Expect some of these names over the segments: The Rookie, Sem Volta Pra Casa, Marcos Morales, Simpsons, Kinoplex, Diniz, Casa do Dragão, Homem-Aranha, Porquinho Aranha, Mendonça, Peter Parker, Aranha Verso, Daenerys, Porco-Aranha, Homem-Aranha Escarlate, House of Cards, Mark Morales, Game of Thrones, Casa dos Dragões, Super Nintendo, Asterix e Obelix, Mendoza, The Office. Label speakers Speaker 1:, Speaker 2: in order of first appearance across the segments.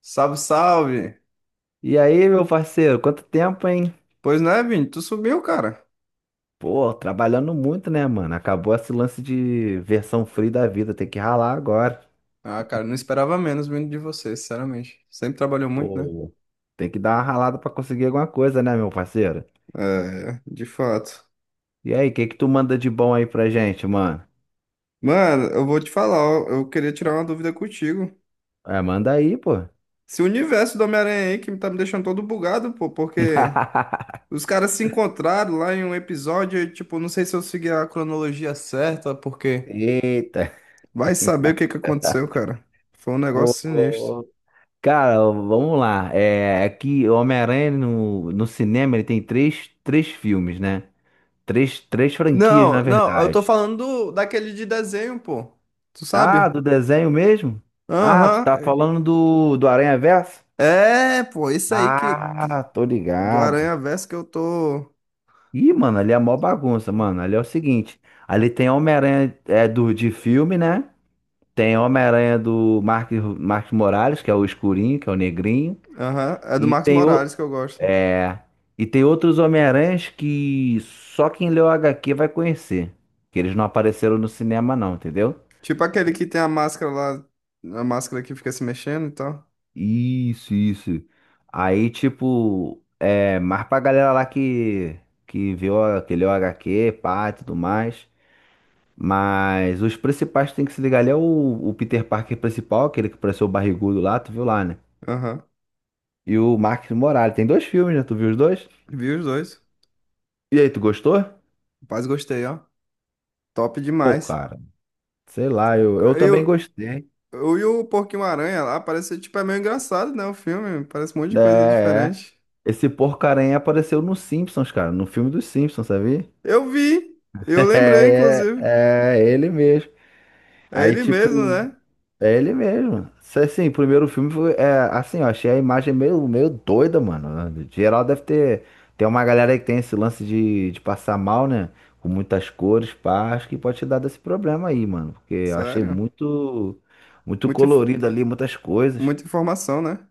Speaker 1: Salve, salve!
Speaker 2: E aí, meu parceiro, quanto tempo, hein?
Speaker 1: Pois não é, Vini? Tu subiu, cara.
Speaker 2: Pô, trabalhando muito, né, mano? Acabou esse lance de versão free da vida, tem que ralar agora.
Speaker 1: Ah, cara, não esperava menos vindo de você, sinceramente. Sempre trabalhou muito, né?
Speaker 2: Pô, tem que dar uma ralada pra conseguir alguma coisa, né, meu parceiro?
Speaker 1: É, de fato.
Speaker 2: E aí, o que que tu manda de bom aí pra gente, mano?
Speaker 1: Mano, eu vou te falar, ó, eu queria tirar uma dúvida contigo.
Speaker 2: É, manda aí, pô.
Speaker 1: Esse universo do Homem-Aranha aí que tá me deixando todo bugado, pô, porque os caras se encontraram lá em um episódio, e, tipo, não sei se eu segui a cronologia certa, porque
Speaker 2: Eita.
Speaker 1: vai saber o que que aconteceu, cara. Foi um negócio sinistro.
Speaker 2: Pô. Cara, vamos lá. É, aqui, o Homem-Aranha no cinema, ele tem três filmes, né? Três franquias, na
Speaker 1: Não, não, eu tô
Speaker 2: verdade.
Speaker 1: falando daquele de desenho, pô. Tu
Speaker 2: Ah,
Speaker 1: sabe?
Speaker 2: do desenho mesmo? Ah, tu tá
Speaker 1: Aham.
Speaker 2: falando do Aranha Verso?
Speaker 1: É, pô, isso aí que
Speaker 2: Ah, tô
Speaker 1: do
Speaker 2: ligado.
Speaker 1: Aranha Verso que eu tô.
Speaker 2: Ih, mano, ali é mó bagunça, mano. Ali é o seguinte: ali tem Homem-Aranha de filme, né? Tem Homem-Aranha do Mark Morales, que é o escurinho, que é o negrinho.
Speaker 1: Aham. É do
Speaker 2: E
Speaker 1: Marcos
Speaker 2: tem o.
Speaker 1: Morales que eu gosto.
Speaker 2: É. E tem outros Homem-Aranhas que só quem leu HQ vai conhecer. Que eles não apareceram no cinema, não, entendeu?
Speaker 1: Tipo aquele que tem a máscara lá, a máscara que fica se mexendo e tal.
Speaker 2: Isso, isso. Aí, tipo, é mais pra galera lá que viu aquele HQ, pá, e tudo mais. Mas os principais que tem que se ligar ali é o Peter Parker principal, aquele que pareceu o barrigudo lá, tu viu lá, né?
Speaker 1: Aham.
Speaker 2: E o Marcos Morales. Tem dois filmes, né? Tu viu os dois?
Speaker 1: Vi os dois.
Speaker 2: E aí, tu gostou?
Speaker 1: Rapaz, gostei, ó. Top
Speaker 2: Pô,
Speaker 1: demais.
Speaker 2: cara, sei lá, eu
Speaker 1: E
Speaker 2: também
Speaker 1: o,
Speaker 2: gostei.
Speaker 1: e o Porquinho Aranha lá parece, tipo, é meio engraçado, né? O filme. Parece um monte de
Speaker 2: É,
Speaker 1: coisa
Speaker 2: é.
Speaker 1: diferente.
Speaker 2: Esse porcaranha apareceu no Simpsons, cara, no filme dos Simpsons, sabia?
Speaker 1: Eu vi. Eu lembrei,
Speaker 2: É,
Speaker 1: inclusive.
Speaker 2: é, é ele mesmo.
Speaker 1: É
Speaker 2: Aí,
Speaker 1: ele mesmo,
Speaker 2: tipo.
Speaker 1: né?
Speaker 2: É ele mesmo. Assim, o primeiro filme foi. É, assim, eu achei a imagem meio doida, mano. Geral deve ter. Tem uma galera aí que tem esse lance de passar mal, né? Com muitas cores, pá. Acho que pode ter dado esse problema aí, mano. Porque eu achei
Speaker 1: Sério.
Speaker 2: muito. Muito
Speaker 1: Muita, inf-
Speaker 2: colorido ali, muitas coisas.
Speaker 1: Muita informação, né?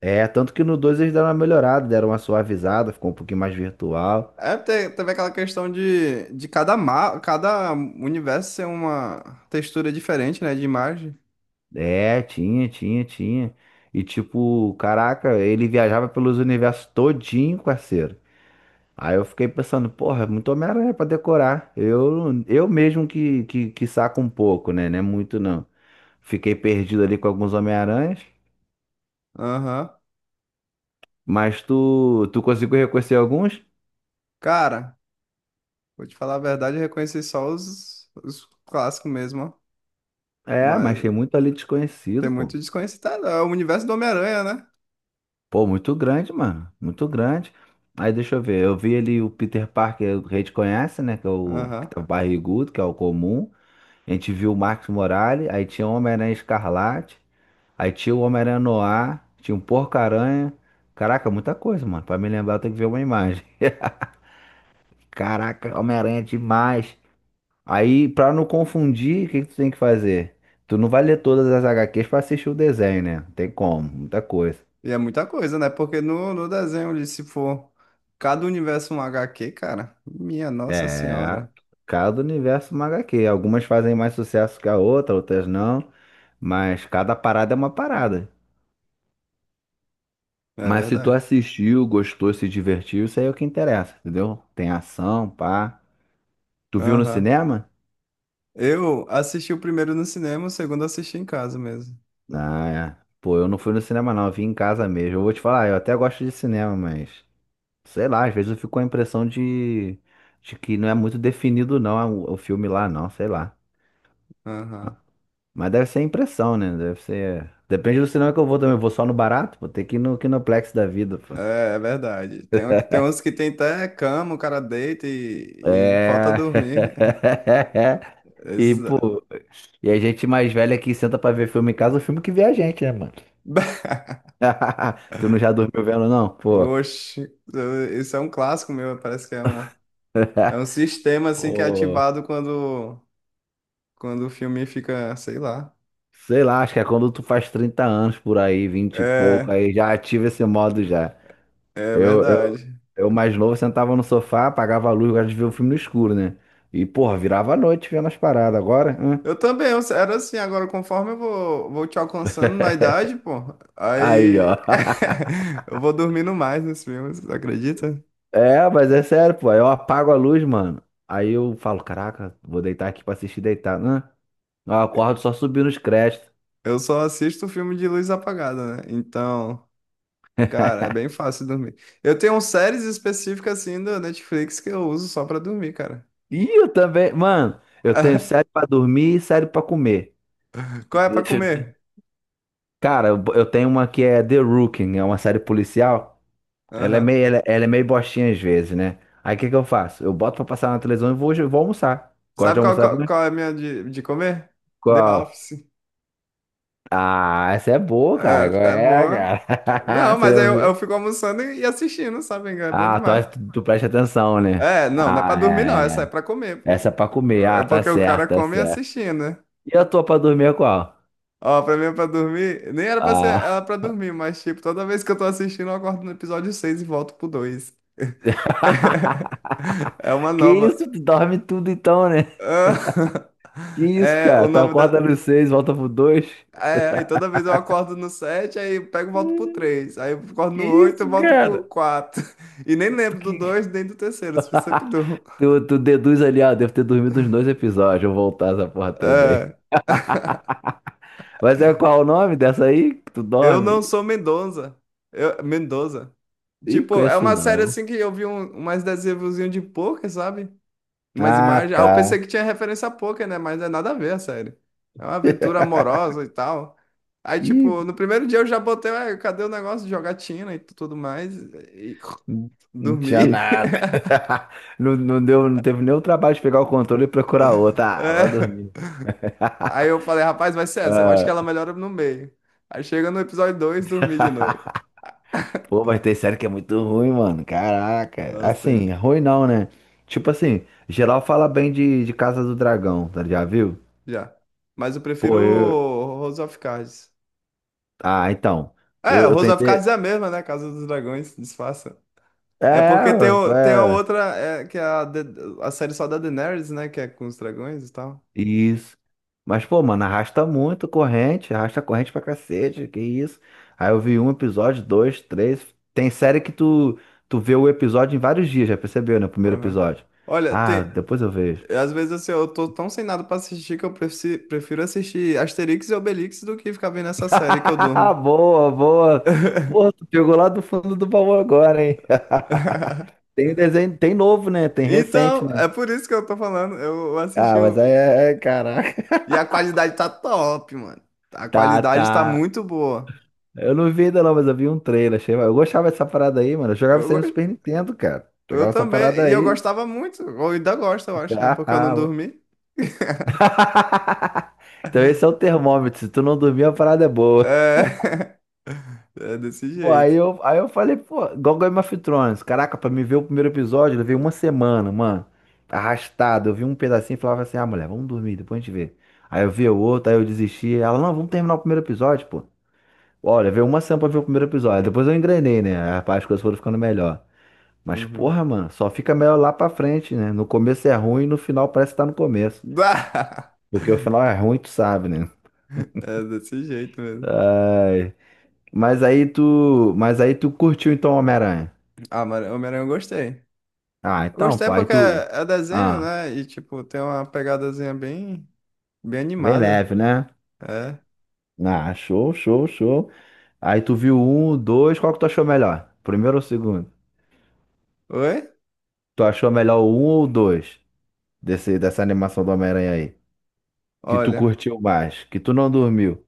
Speaker 2: É, tanto que no 2 eles deram uma melhorada, deram uma suavizada, ficou um pouquinho mais virtual.
Speaker 1: É, teve aquela questão de cada, ma cada universo ser uma textura diferente, né, de imagem.
Speaker 2: É, tinha, tinha, tinha. E tipo, caraca, ele viajava pelos universos todinho, parceiro. Aí eu fiquei pensando, porra, é muito Homem-Aranha pra decorar. Eu mesmo que saco um pouco, né? Não é muito não. Fiquei perdido ali com alguns Homem-Aranhas,
Speaker 1: Aham.
Speaker 2: mas tu conseguiu reconhecer alguns?
Speaker 1: Cara, vou te falar a verdade, eu reconheci só os clássicos mesmo, ó.
Speaker 2: É, mas
Speaker 1: Mas
Speaker 2: tem muito ali
Speaker 1: tem
Speaker 2: desconhecido, pô.
Speaker 1: muito desconhecido. Tá, é o universo do Homem-Aranha, né?
Speaker 2: Pô, muito grande, mano. Muito grande. Aí deixa eu ver, eu vi ali o Peter Parker, que a gente conhece, né? Que é o que
Speaker 1: Aham.
Speaker 2: tá barrigudo, que é o comum. A gente viu o Max Morales, aí tinha o Homem-Aranha Escarlate. Aí tinha o Homem-Aranha no tinha um Porco-Aranha. Caraca, muita coisa, mano. Pra me lembrar, eu tenho que ver uma imagem. Caraca, Homem-Aranha é demais. Aí, pra não confundir, o que que tu tem que fazer? Tu não vai ler todas as HQs pra assistir o desenho, né? Não tem como, muita coisa.
Speaker 1: E é muita coisa, né? Porque no, no desenho, ele, se for cada universo um H Q, cara, minha Nossa
Speaker 2: É,
Speaker 1: Senhora.
Speaker 2: cada universo é uma HQ. Algumas fazem mais sucesso que a outra, outras não. Mas cada parada é uma parada.
Speaker 1: É
Speaker 2: Mas se tu
Speaker 1: verdade.
Speaker 2: assistiu, gostou, se divertiu, isso aí é o que interessa, entendeu? Tem ação, pá. Tu viu no
Speaker 1: Aham.
Speaker 2: cinema?
Speaker 1: Eu assisti o primeiro no cinema, o segundo eu assisti em casa mesmo.
Speaker 2: Ah, é. Pô, eu não fui no cinema, não. Eu vim em casa mesmo. Eu vou te falar, eu até gosto de cinema, mas sei lá, às vezes eu fico com a impressão de que não é muito definido, não, é o filme lá, não, sei lá.
Speaker 1: Aham.
Speaker 2: Mas deve ser impressão, né? Deve ser. Depende do cinema que eu vou também. Eu vou só no barato, vou ter que ir no Kinoplex da vida, pô.
Speaker 1: É, é verdade. Tem, tem uns que tem até cama, o cara deita e
Speaker 2: É.
Speaker 1: falta dormir.
Speaker 2: E,
Speaker 1: Esses-
Speaker 2: pô, e a gente mais velha que senta pra ver filme em casa, o filme que vê a gente, né, mano? Tu não já dormiu vendo, não? Pô.
Speaker 1: Oxe, isso é um clássico meu. Parece que é um sistema assim que é
Speaker 2: Ô,
Speaker 1: ativado quando, quando o filme fica, sei lá.
Speaker 2: Sei lá, acho que é quando tu faz 30 anos por aí, vinte e pouco,
Speaker 1: É,
Speaker 2: aí já ativa esse modo já.
Speaker 1: é
Speaker 2: Eu, eu,
Speaker 1: verdade.
Speaker 2: eu mais novo sentava no sofá, apagava a luz, eu gosto de ver o filme no escuro, né? E, porra, virava a noite vendo as paradas. Agora, hã?
Speaker 1: Eu também, eu era assim, agora conforme eu vou, vou te alcançando na idade, pô,
Speaker 2: Aí, ó.
Speaker 1: aí eu vou dormindo mais nos filmes, acredita?
Speaker 2: É, mas é sério, pô. Eu apago a luz, mano. Aí eu falo, caraca, vou deitar aqui pra assistir deitado. Hã? Eu acordo só subindo os créditos.
Speaker 1: Eu só assisto filme de luz apagada, né? Então. Cara, é bem fácil dormir. Eu tenho séries específicas assim da Netflix que eu uso só pra dormir, cara.
Speaker 2: Ih, eu também. Mano, eu tenho série pra dormir e série pra comer.
Speaker 1: Qual é pra comer?
Speaker 2: Cara, eu tenho uma que é The Rookie, é uma série policial. Ela é
Speaker 1: Aham.
Speaker 2: meio, ela é meio bostinha às vezes, né? Aí o que que eu faço? Eu boto pra passar na televisão e vou almoçar. Gosto de
Speaker 1: Sabe qual,
Speaker 2: almoçar,
Speaker 1: qual,
Speaker 2: né?
Speaker 1: qual é a minha de comer? The
Speaker 2: Qual?
Speaker 1: Office.
Speaker 2: Ah, essa é boa, cara. Qual
Speaker 1: É, é
Speaker 2: é,
Speaker 1: boa.
Speaker 2: cara?
Speaker 1: Não,
Speaker 2: Você
Speaker 1: mas aí eu
Speaker 2: ouviu?
Speaker 1: fico almoçando e assistindo, sabe? É bom
Speaker 2: Ah, tu,
Speaker 1: demais.
Speaker 2: tu tu presta atenção, né?
Speaker 1: É, não, não é pra
Speaker 2: Ah,
Speaker 1: dormir, não.
Speaker 2: é, é,
Speaker 1: Essa é
Speaker 2: é.
Speaker 1: pra comer,
Speaker 2: Essa é
Speaker 1: pô.
Speaker 2: pra comer. Ah,
Speaker 1: É
Speaker 2: tá
Speaker 1: porque o cara
Speaker 2: certo, tá
Speaker 1: come
Speaker 2: certo.
Speaker 1: assistindo, né?
Speaker 2: E a tua pra dormir é qual?
Speaker 1: Ó, pra mim é pra dormir. Nem era pra ser,
Speaker 2: Ah.
Speaker 1: era pra dormir, mas tipo, toda vez que eu tô assistindo, eu acordo no episódio 6 e volto pro dois. É uma
Speaker 2: Que
Speaker 1: nova.
Speaker 2: isso? Tu dorme tudo então, né?
Speaker 1: Ah,
Speaker 2: Que isso,
Speaker 1: é o
Speaker 2: cara? Tu
Speaker 1: nome da.
Speaker 2: acorda nos seis, volta pro dois.
Speaker 1: É, aí toda vez eu acordo no sete, aí eu pego e volto pro três. Aí eu acordo
Speaker 2: Que
Speaker 1: no 8 e
Speaker 2: isso,
Speaker 1: volto pro
Speaker 2: cara?
Speaker 1: quatro. E nem
Speaker 2: Tu,
Speaker 1: lembro do
Speaker 2: que-
Speaker 1: 2 nem do terceiro, se você perdoa.
Speaker 2: tu deduz ali, ah, devo ter dormido uns dois episódios, eu vou voltar essa porra toda aí.
Speaker 1: É.
Speaker 2: Mas é qual o nome dessa aí que tu
Speaker 1: Eu
Speaker 2: dorme?
Speaker 1: não sou Mendonça. Eu, Mendoza.
Speaker 2: Ih,
Speaker 1: Tipo, é
Speaker 2: conheço
Speaker 1: uma série
Speaker 2: não.
Speaker 1: assim que eu vi um, mais adesivozinho de poker, sabe? Umas
Speaker 2: Ah,
Speaker 1: imagens. Ah, eu
Speaker 2: tá.
Speaker 1: pensei que tinha referência a poker, né? Mas é nada a ver, a série. É uma aventura amorosa e tal. Aí,
Speaker 2: Ih,
Speaker 1: tipo, no primeiro dia eu já botei, ué, cadê o negócio de jogatina e tudo mais? E
Speaker 2: não não tinha
Speaker 1: dormi.
Speaker 2: nada. Não, não deu, não teve nem o trabalho de pegar o controle e procurar outra. Ah, vou
Speaker 1: É.
Speaker 2: dormir.
Speaker 1: Aí eu falei, rapaz, vai ser essa. Eu acho que
Speaker 2: Ah,
Speaker 1: ela melhora no meio. Aí chega no episódio 2 dormi de novo.
Speaker 2: pô, mas tem série que é muito ruim, mano. Caraca.
Speaker 1: Nossa,
Speaker 2: Assim,
Speaker 1: tem...
Speaker 2: ruim não, né? Tipo assim, geral fala bem de Casa do Dragão, tá? Já viu?
Speaker 1: Já. Mas eu prefiro
Speaker 2: Pô, eu.
Speaker 1: o House of Cards.
Speaker 2: Ah, então.
Speaker 1: É,
Speaker 2: Eu
Speaker 1: House of Cards
Speaker 2: tentei.
Speaker 1: é a mesma, né? Casa dos Dragões, disfarça.
Speaker 2: É,
Speaker 1: É porque tem, o, tem a
Speaker 2: é,
Speaker 1: outra, é, que é a, a série só da Daenerys, né? Que é com os dragões e tal.
Speaker 2: isso. Mas, pô, mano, arrasta muito corrente, arrasta corrente pra cacete, que isso. Aí eu vi um episódio, dois, três. Tem série que tu vê o episódio em vários dias, já percebeu, né? O primeiro
Speaker 1: Aham.
Speaker 2: episódio.
Speaker 1: Olha,
Speaker 2: Ah,
Speaker 1: tem,
Speaker 2: depois eu vejo.
Speaker 1: às vezes assim, eu tô tão sem nada pra assistir que eu prefiro assistir Asterix e Obelix do que ficar vendo essa série que eu durmo.
Speaker 2: Boa, boa. Pô, tu pegou lá do fundo do baú agora, hein? Tem um desenho, tem novo, né? Tem recente,
Speaker 1: Então,
Speaker 2: né?
Speaker 1: é por isso que eu tô falando. Eu assisti
Speaker 2: Ah, mas
Speaker 1: o...
Speaker 2: aí caraca.
Speaker 1: E a qualidade tá top, mano. A
Speaker 2: Tá,
Speaker 1: qualidade tá
Speaker 2: tá.
Speaker 1: muito boa.
Speaker 2: Eu não vi ainda não, mas eu vi um trailer, achei. Eu gostava dessa parada aí, mano. Eu jogava
Speaker 1: Eu,
Speaker 2: isso aí no
Speaker 1: gos-
Speaker 2: Super Nintendo, cara.
Speaker 1: eu
Speaker 2: Jogava essa
Speaker 1: também.
Speaker 2: parada
Speaker 1: E eu
Speaker 2: aí.
Speaker 1: gostava muito. Eu ainda gosto, eu acho, né? Porque eu não
Speaker 2: Ah, mano.
Speaker 1: dormi.
Speaker 2: Então esse é o termômetro. Se tu não dormir, a parada é boa.
Speaker 1: É, é desse
Speaker 2: Pô, aí
Speaker 1: jeito.
Speaker 2: eu, aí eu falei, pô, igual Game of Thrones. Caraca, pra me ver o primeiro episódio, eu levei uma semana, mano. Arrastado. Eu vi um pedacinho e falava assim, ah, mulher, vamos dormir, depois a gente vê. Aí eu vi o outro, aí eu desisti. Ela, não, vamos terminar o primeiro episódio, pô. Olha, veio uma semana pra ver o primeiro episódio. Depois eu engrenei, né? As coisas foram ficando melhor. Mas,
Speaker 1: Uhum.
Speaker 2: porra, mano, só fica melhor lá pra frente, né? No começo é ruim, no final parece que tá no começo.
Speaker 1: Bah!
Speaker 2: Porque o final é ruim, tu sabe, né?
Speaker 1: É desse jeito mesmo.
Speaker 2: Ai. Mas aí tu curtiu então Homem-Aranha.
Speaker 1: Ah, mano, Homem-Aranha eu gostei.
Speaker 2: Ah,
Speaker 1: Eu
Speaker 2: então,
Speaker 1: gostei
Speaker 2: pô, aí
Speaker 1: porque
Speaker 2: tu.
Speaker 1: é é desenho,
Speaker 2: Ah,
Speaker 1: né? E, tipo, tem uma pegadazinha bem, bem
Speaker 2: tá bem
Speaker 1: animada.
Speaker 2: leve, né?
Speaker 1: É.
Speaker 2: Ah, show, show, show. Aí tu viu um, dois, qual que tu achou melhor? Primeiro ou segundo?
Speaker 1: Oi?
Speaker 2: Tu achou melhor o um ou o dois? Dessa animação do Homem-Aranha aí? Que tu
Speaker 1: Olha,
Speaker 2: curtiu mais, que tu não dormiu.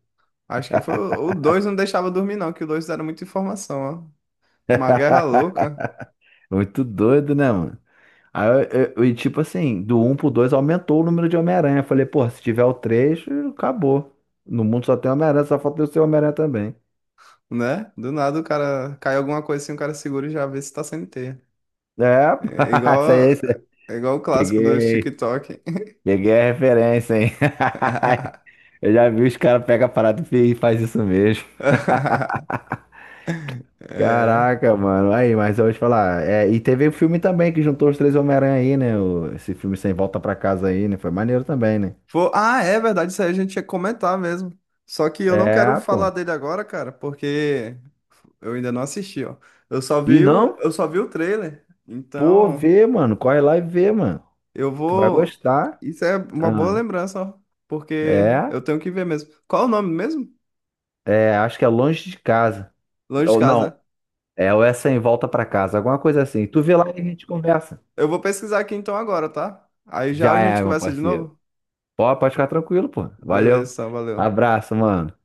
Speaker 1: acho que foi o dois, não deixava dormir, não, que o dois era muita informação, ó. Uma guerra louca,
Speaker 2: Muito doido, né, mano? Aí, tipo assim, do um pro 2 aumentou o número de Homem-Aranha. Eu falei, pô, se tiver o 3 acabou. No mundo só tem Homem-Aranha, só falta eu ser Homem-Aranha também.
Speaker 1: né? Do nada o cara cai alguma coisa assim, o cara segura e já vê se tá sem teia.
Speaker 2: É, pô,
Speaker 1: É
Speaker 2: isso
Speaker 1: igual,
Speaker 2: aí, isso aí.
Speaker 1: é igual o clássico dos
Speaker 2: Peguei,
Speaker 1: TikTok.
Speaker 2: peguei a referência, hein? Eu já vi os caras pegam a parada e faz isso mesmo.
Speaker 1: É.
Speaker 2: Caraca, mano. Aí, mas eu vou te falar. É, e teve o filme também que juntou os três Homem-Aranha aí, né? Esse filme Sem Volta Pra Casa aí, né? Foi maneiro também, né?
Speaker 1: Pô, ah, é verdade, isso aí a gente ia comentar mesmo. Só que eu não quero
Speaker 2: É,
Speaker 1: falar
Speaker 2: pô.
Speaker 1: dele agora, cara, porque eu ainda não assisti, ó. Eu só
Speaker 2: E
Speaker 1: vi o,
Speaker 2: não?
Speaker 1: eu só vi o trailer.
Speaker 2: Pô,
Speaker 1: Então,
Speaker 2: vê, mano. Corre lá e vê, mano.
Speaker 1: eu
Speaker 2: Tu vai
Speaker 1: vou.
Speaker 2: gostar.
Speaker 1: Isso é uma boa
Speaker 2: Ah,
Speaker 1: lembrança, ó. Porque
Speaker 2: é,
Speaker 1: eu tenho que ver mesmo. Qual é o nome mesmo?
Speaker 2: acho que é longe de casa.
Speaker 1: Longe de
Speaker 2: Ou
Speaker 1: casa,
Speaker 2: não,
Speaker 1: né?
Speaker 2: é ou essa em volta pra casa, alguma coisa assim. Tu vê lá e a gente conversa.
Speaker 1: Eu vou pesquisar aqui então agora, tá? Aí já
Speaker 2: Já
Speaker 1: a gente
Speaker 2: é, meu
Speaker 1: conversa de
Speaker 2: parceiro.
Speaker 1: novo?
Speaker 2: Pô, pode ficar tranquilo, pô.
Speaker 1: Beleza,
Speaker 2: Valeu.
Speaker 1: então, valeu.
Speaker 2: Abraço, mano.